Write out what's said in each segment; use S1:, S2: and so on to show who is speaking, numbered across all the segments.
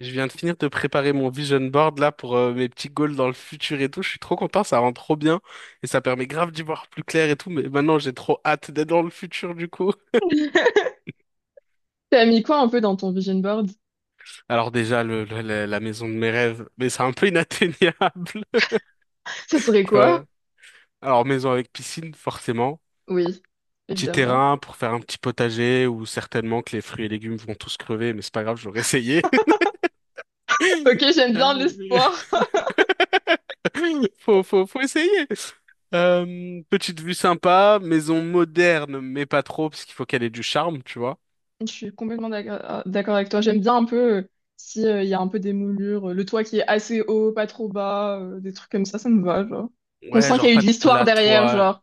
S1: Je viens de finir de préparer mon vision board là pour mes petits goals dans le futur et tout. Je suis trop content, ça rend trop bien et ça permet grave d'y voir plus clair et tout. Mais maintenant, j'ai trop hâte d'être dans le futur du coup.
S2: T'as mis quoi un peu dans ton vision board?
S1: Alors déjà, la maison de mes rêves, mais c'est un peu inatteignable.
S2: Ça serait
S1: Tu
S2: quoi?
S1: vois. Alors maison avec piscine, forcément.
S2: Oui,
S1: Petit
S2: évidemment.
S1: terrain pour faire un petit potager où certainement que les fruits et légumes vont tous crever, mais c'est pas grave, j'aurais essayé.
S2: Ok, j'aime bien l'espoir.
S1: Faut essayer. Petite vue sympa, maison moderne, mais pas trop, parce qu'il faut qu'elle ait du charme, tu vois.
S2: Je suis complètement d'accord avec toi. J'aime bien un peu si il y a un peu des moulures, le toit qui est assez haut, pas trop bas, des trucs comme ça me va, genre. On
S1: Ouais,
S2: sent qu'il
S1: genre
S2: y a eu
S1: pas
S2: de
S1: de
S2: l'histoire
S1: plat
S2: derrière,
S1: toit.
S2: genre.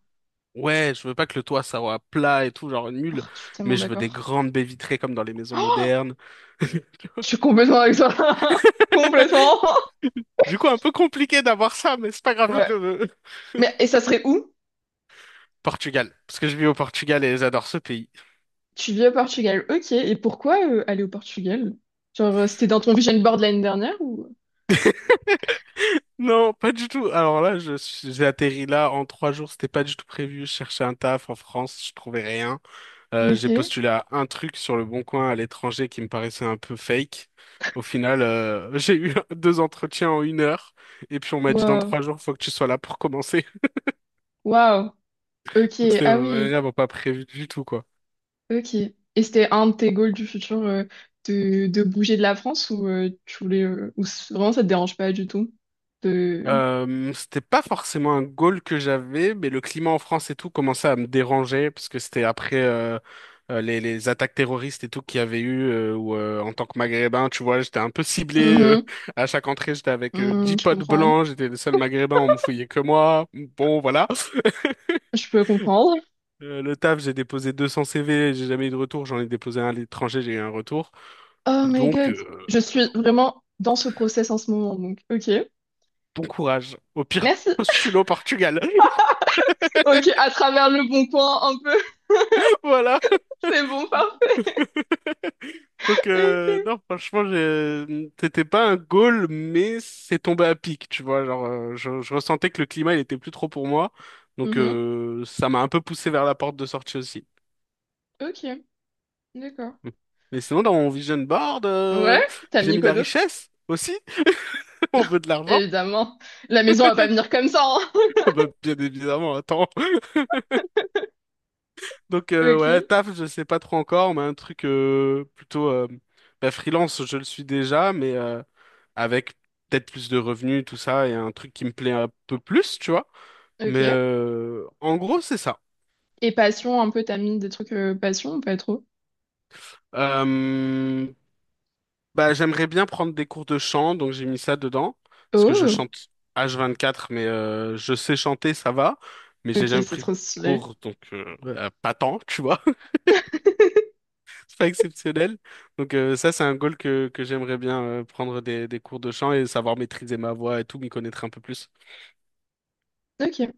S1: Ouais, je veux pas que le toit soit plat et tout, genre nul,
S2: Ah, je suis tellement
S1: mais je veux des
S2: d'accord.
S1: grandes baies vitrées comme dans les maisons
S2: Oh,
S1: modernes.
S2: je suis complètement avec toi. Complètement.
S1: Du coup, un peu compliqué d'avoir ça, mais c'est pas grave,
S2: Ouais.
S1: je le veux.
S2: Mais, et ça serait où?
S1: Portugal, parce que je vis au Portugal et j'adore ce pays.
S2: Tu vis au Portugal, ok. Et pourquoi aller au Portugal? Genre, c'était dans ton vision board l'année dernière ou.
S1: Non, pas du tout. Alors là, j'ai atterri là en 3 jours, c'était pas du tout prévu. Je cherchais un taf en France, je trouvais rien. Euh,
S2: Ok,
S1: j'ai postulé à un truc sur le Bon Coin à l'étranger qui me paraissait un peu fake. Au final, j'ai eu deux entretiens en 1 heure et puis on m'a dit dans
S2: waouh,
S1: 3 jours, faut que tu sois là pour commencer.
S2: waouh, ok,
S1: Donc c'était
S2: ah oui,
S1: vraiment pas prévu du tout, quoi.
S2: ok. Et c'était un de tes goals du futur, de bouger de la France ou tu voulais, ou vraiment ça te dérange pas du tout de.
S1: C'était pas forcément un goal que j'avais, mais le climat en France et tout commençait à me déranger parce que c'était après les attaques terroristes et tout qu'il y avait eu où en tant que Maghrébin, tu vois, j'étais un peu ciblé
S2: Mhm,
S1: à chaque entrée, j'étais avec
S2: mhm,
S1: 10
S2: je
S1: potes
S2: comprends,
S1: blancs, j'étais le seul Maghrébin, on me fouillait que moi. Bon, voilà.
S2: je peux comprendre.
S1: Le taf, j'ai déposé 200 CV, j'ai jamais eu de retour, j'en ai déposé un à l'étranger, j'ai eu un retour.
S2: Oh my
S1: Donc,
S2: god, je suis vraiment dans ce process en ce moment, donc ok.
S1: bon courage. Au pire,
S2: Merci.
S1: postule au Portugal.
S2: Ok, à travers le bon coin un peu,
S1: Voilà.
S2: c'est bon, parfait,
S1: Donc,
S2: ok.
S1: non, franchement, c'était pas un goal, mais c'est tombé à pic, tu vois. Genre, je ressentais que le climat, il était plus trop pour moi. Donc,
S2: Mhm.
S1: ça m'a un peu poussé vers la porte de sortie aussi.
S2: Ok, d'accord.
S1: Hum. Mais sinon, dans mon vision board,
S2: Ouais, t'as
S1: j'ai
S2: mis
S1: mis
S2: quoi
S1: la
S2: d'autre?
S1: richesse aussi. On veut de l'argent.
S2: Évidemment, la maison va pas venir comme ça, hein.
S1: Bah, bien évidemment, attends. Donc
S2: Ok,
S1: ouais, taf, je sais pas trop encore, mais un truc plutôt bah, freelance, je le suis déjà, mais avec peut-être plus de revenus, tout ça, et un truc qui me plaît un peu plus, tu vois. Mais
S2: ok.
S1: en gros, c'est ça.
S2: Et passion, un peu, t'as mis des trucs passion ou pas trop?
S1: Euh, j'aimerais bien prendre des cours de chant, donc j'ai mis ça dedans, parce que je
S2: Oh,
S1: chante H24, mais je sais chanter, ça va, mais j'ai
S2: ok,
S1: jamais
S2: c'est
S1: pris de
S2: trop stylé.
S1: cours, donc pas tant, tu vois. Pas exceptionnel. Donc ça, c'est un goal que j'aimerais bien prendre des cours de chant et savoir maîtriser ma voix et tout, m'y connaître un peu plus.
S2: Ok,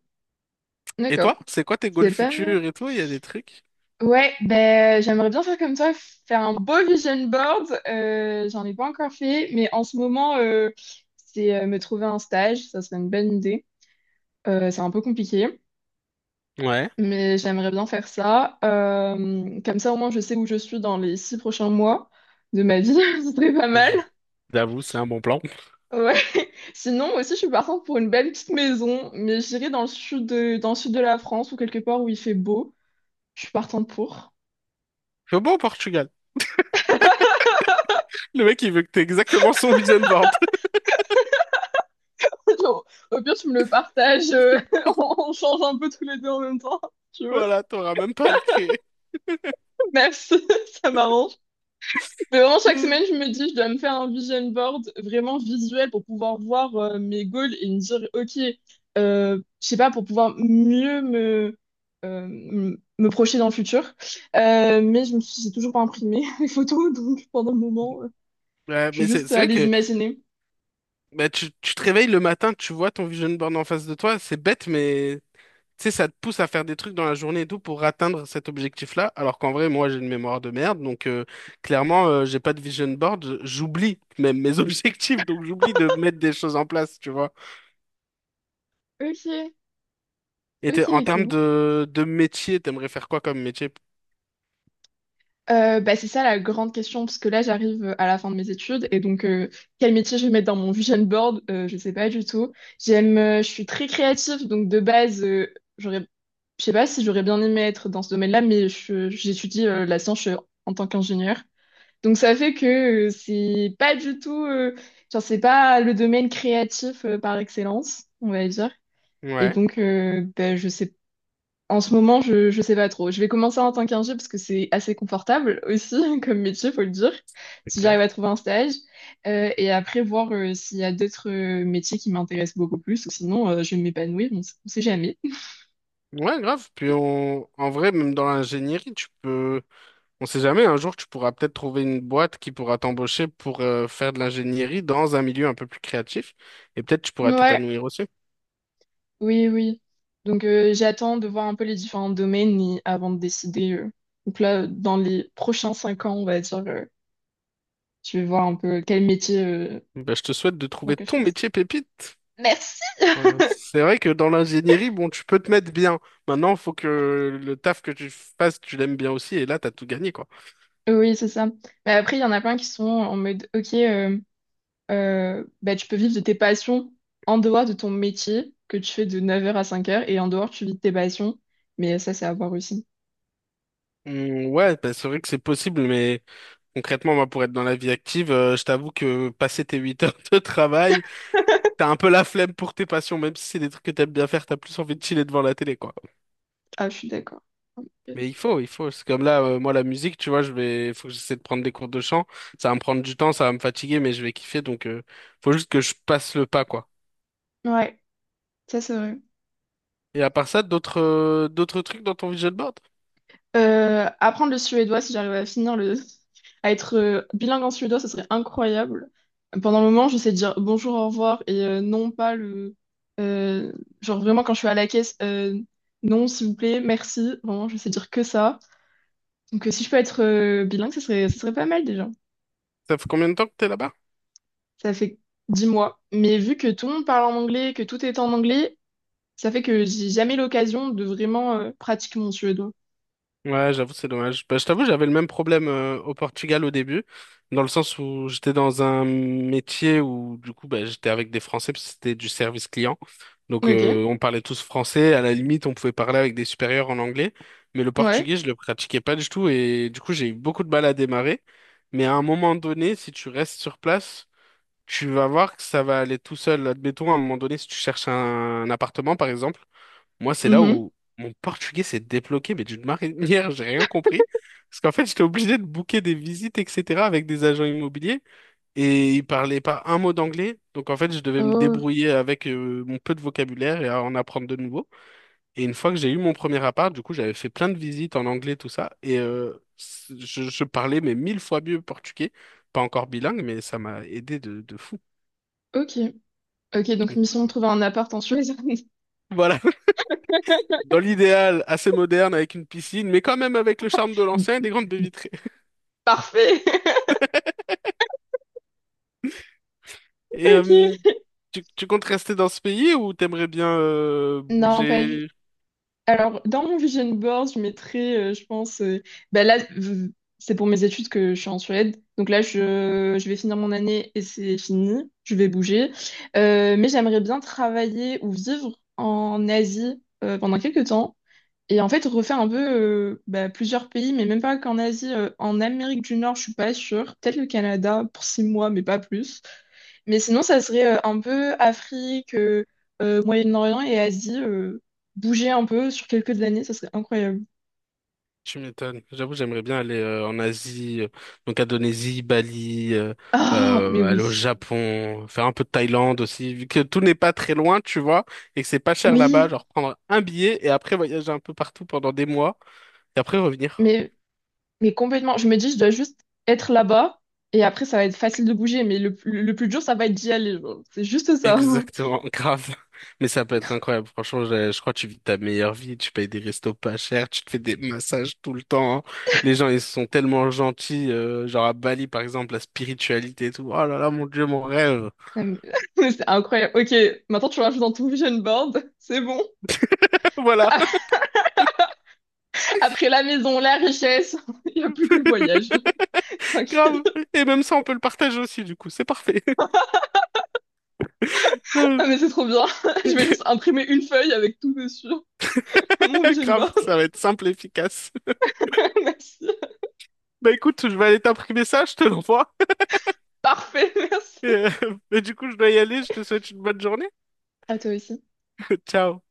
S1: Et
S2: d'accord.
S1: toi, c'est quoi tes goals
S2: C'est pas mal.
S1: futurs et tout? Il y a des trucs?
S2: Ouais, ben j'aimerais bien faire comme toi, faire un beau vision board. J'en ai pas encore fait, mais en ce moment, c'est me trouver un stage, ça serait une bonne idée. C'est un peu compliqué.
S1: Ouais.
S2: Mais j'aimerais bien faire ça. Comme ça, au moins, je sais où je suis dans les 6 prochains mois de ma vie. Ce serait pas mal.
S1: J'avoue, c'est un bon plan.
S2: Ouais. Sinon, aussi, je suis partante pour une belle petite maison, mais j'irai dans le sud de la France ou quelque part où il fait beau. Je suis partante pour.
S1: Je suis bon au Portugal. Le mec, il veut que t'aies exactement son vision board.
S2: Genre, au pire, tu me le partages. On change un peu tous les deux en même temps, si tu veux.
S1: Voilà, t'auras même pas à le créer.
S2: Merci, ça m'arrange. Mais vraiment, chaque semaine, je me dis, je dois me faire un vision board vraiment visuel pour pouvoir voir mes goals et me dire, OK, je sais pas, pour pouvoir mieux me projeter dans le futur. Mais j'ai toujours pas imprimé les photos, donc pendant le
S1: Hmm.
S2: moment,
S1: Ouais,
S2: je suis
S1: mais c'est
S2: juste
S1: c'est
S2: à
S1: vrai
S2: les
S1: que
S2: imaginer.
S1: bah, tu te réveilles le matin, tu vois ton vision board en face de toi, c'est bête, mais tu sais, ça te pousse à faire des trucs dans la journée et tout pour atteindre cet objectif-là, alors qu'en vrai, moi, j'ai une mémoire de merde, donc clairement, j'ai pas de vision board, j'oublie même mes objectifs, donc j'oublie de mettre des choses en place, tu vois.
S2: OK,
S1: Et
S2: OK,
S1: en termes
S2: OK.
S1: de métier, t'aimerais faire quoi comme métier?
S2: Bah, c'est ça la grande question, parce que là j'arrive à la fin de mes études et donc quel métier je vais mettre dans mon vision board, je sais pas du tout. Je suis très créative, donc de base, j'aurais, je sais pas si j'aurais bien aimé être dans ce domaine-là, mais j'étudie la science en tant qu'ingénieur. Donc ça fait que c'est pas du tout, genre c'est pas le domaine créatif par excellence, on va dire. Et
S1: Ouais,
S2: donc bah, je sais en ce moment, je sais pas trop. Je vais commencer en tant qu'ingé parce que c'est assez confortable aussi comme métier, faut le dire,
S1: c'est
S2: si j'arrive à
S1: clair.
S2: trouver un stage. Et après, voir s'il y a d'autres métiers qui m'intéressent beaucoup plus ou sinon je vais m'épanouir, on sait jamais.
S1: Ouais, grave. Puis on, en vrai, même dans l'ingénierie, tu peux. On sait jamais, un jour, tu pourras peut-être trouver une boîte qui pourra t'embaucher pour faire de l'ingénierie dans un milieu un peu plus créatif et peut-être tu pourras
S2: Ouais,
S1: t'épanouir aussi.
S2: oui, oui. Donc j'attends de voir un peu les différents domaines avant de décider. Donc là, dans les prochains 5 ans, on va dire, je vais voir un peu quel métier
S1: Ben, je te souhaite de
S2: dans
S1: trouver
S2: quel
S1: ton
S2: chose.
S1: métier pépite.
S2: Merci.
S1: Ouais. C'est vrai que dans l'ingénierie, bon, tu peux te mettre bien. Maintenant, il faut que le taf que tu fasses, tu l'aimes bien aussi et là, t'as tout gagné, quoi.
S2: Oui, c'est ça. Mais après, il y en a plein qui sont en mode, ok. Bah tu peux vivre de tes passions en dehors de ton métier que tu fais de 9h à 5h et en dehors tu vis de tes passions. Mais ça, c'est à voir aussi.
S1: Ouais, ben, c'est vrai que c'est possible, mais concrètement, moi, pour être dans la vie active, je t'avoue que passer tes 8 heures de travail, t'as un peu la flemme pour tes passions, même si c'est des trucs que t'aimes bien faire, t'as plus envie de chiller devant la télé, quoi.
S2: Ah, je suis d'accord.
S1: Mais il faut. C'est comme là, moi, la musique, tu vois, je vais, il faut que j'essaie de prendre des cours de chant. Ça va me prendre du temps, ça va me fatiguer, mais je vais kiffer. Donc, faut juste que je passe le pas, quoi.
S2: Ouais, ça c'est vrai.
S1: Et à part ça, d'autres trucs dans ton vision board?
S2: Apprendre le suédois, si j'arrive à finir le, à être bilingue en suédois, ce serait incroyable. Pendant le moment, je sais dire bonjour, au revoir et non pas le, euh, genre vraiment quand je suis à la caisse, non, s'il vous plaît, merci. Vraiment, je sais dire que ça. Donc si je peux être bilingue, ce serait pas mal déjà.
S1: Ça fait combien de temps que t'es là-bas?
S2: Ça fait 10 mois. Mais vu que tout le monde parle en anglais, que tout est en anglais, ça fait que j'ai jamais l'occasion de vraiment pratiquer mon suédois.
S1: Ouais, j'avoue, c'est dommage. Bah, je t'avoue, j'avais le même problème au Portugal au début, dans le sens où j'étais dans un métier où, du coup, bah, j'étais avec des Français, parce que c'était du service client. Donc,
S2: Ok.
S1: on parlait tous français. À la limite, on pouvait parler avec des supérieurs en anglais, mais le
S2: Ouais.
S1: portugais, je le pratiquais pas du tout. Et du coup, j'ai eu beaucoup de mal à démarrer. Mais à un moment donné, si tu restes sur place, tu vas voir que ça va aller tout seul. Admettons, à un moment donné, si tu cherches un appartement, par exemple. Moi, c'est là
S2: Mhm.
S1: où mon portugais s'est débloqué, mais d'une manière, j'ai rien compris. Parce qu'en fait, j'étais obligé de booker des visites, etc., avec des agents immobiliers. Et ils parlaient pas un mot d'anglais. Donc, en fait, je devais me
S2: Oh,
S1: débrouiller avec mon peu de vocabulaire et à en apprendre de nouveau. Et une fois que j'ai eu mon premier appart, du coup, j'avais fait plein de visites en anglais, tout ça. Et je parlais, mais 1000 fois mieux portugais. Pas encore bilingue, mais ça m'a aidé de fou.
S2: ok. Ok, donc
S1: Donc,
S2: mission de trouver un appart en Suède.
S1: voilà, dans l'idéal, assez moderne avec une piscine, mais quand même avec le charme de l'ancien et des grandes baies vitrées.
S2: Parfait.
S1: Et euh,
S2: Ok.
S1: tu, tu comptes rester dans ce pays ou t'aimerais bien
S2: Non, pas du
S1: bouger?
S2: Alors, dans mon vision board, je mettrais, je pense, bah là, c'est pour mes études que je suis en Suède. Donc là, je vais finir mon année et c'est fini. Je vais bouger. Mais j'aimerais bien travailler ou vivre en Asie pendant quelques temps. Et en fait, refait un peu bah, plusieurs pays, mais même pas qu'en Asie, en Amérique du Nord, je suis pas sûre. Peut-être le Canada pour 6 mois, mais pas plus. Mais sinon, ça serait un peu Afrique, Moyen-Orient et Asie, bouger un peu sur quelques années, ça serait incroyable.
S1: Tu m'étonnes. J'avoue, j'aimerais bien aller en Asie, donc Indonésie, Bali,
S2: Ah, mais
S1: aller au
S2: oui.
S1: Japon, faire un peu de Thaïlande aussi, vu que tout n'est pas très loin, tu vois, et que c'est pas cher là-bas,
S2: Oui,
S1: genre prendre un billet et après voyager un peu partout pendant des mois et après revenir.
S2: mais, mais complètement. Je me dis, je dois juste être là-bas et après, ça va être facile de bouger, mais le plus dur, ça va être d'y aller, genre. C'est juste ça.
S1: Exactement, grave. Mais ça peut être incroyable. Franchement, je crois que tu vis ta meilleure vie. Tu payes des restos pas chers, tu te fais des massages tout le temps, hein. Les gens, ils sont tellement gentils, genre à Bali, par exemple, la spiritualité et tout. Oh là là, mon Dieu, mon rêve.
S2: Non, C'est incroyable. Ok, maintenant tu rajoutes dans ton vision board, c'est bon.
S1: Voilà.
S2: Après la maison, la richesse, il n'y a plus que le voyage. Tranquille.
S1: Grave. Et même ça, on peut le partager aussi, du coup. C'est parfait.
S2: Ah, mais c'est trop bien. Je vais juste imprimer une feuille avec tout dessus. Mon vision
S1: Grave,
S2: board.
S1: ça va être simple et efficace.
S2: Merci.
S1: Bah écoute, je vais aller t'imprimer ça, je te l'envoie.
S2: Parfait, merci.
S1: Et, et du coup, je dois y aller. Je te souhaite une bonne journée.
S2: À toi aussi.
S1: Ciao.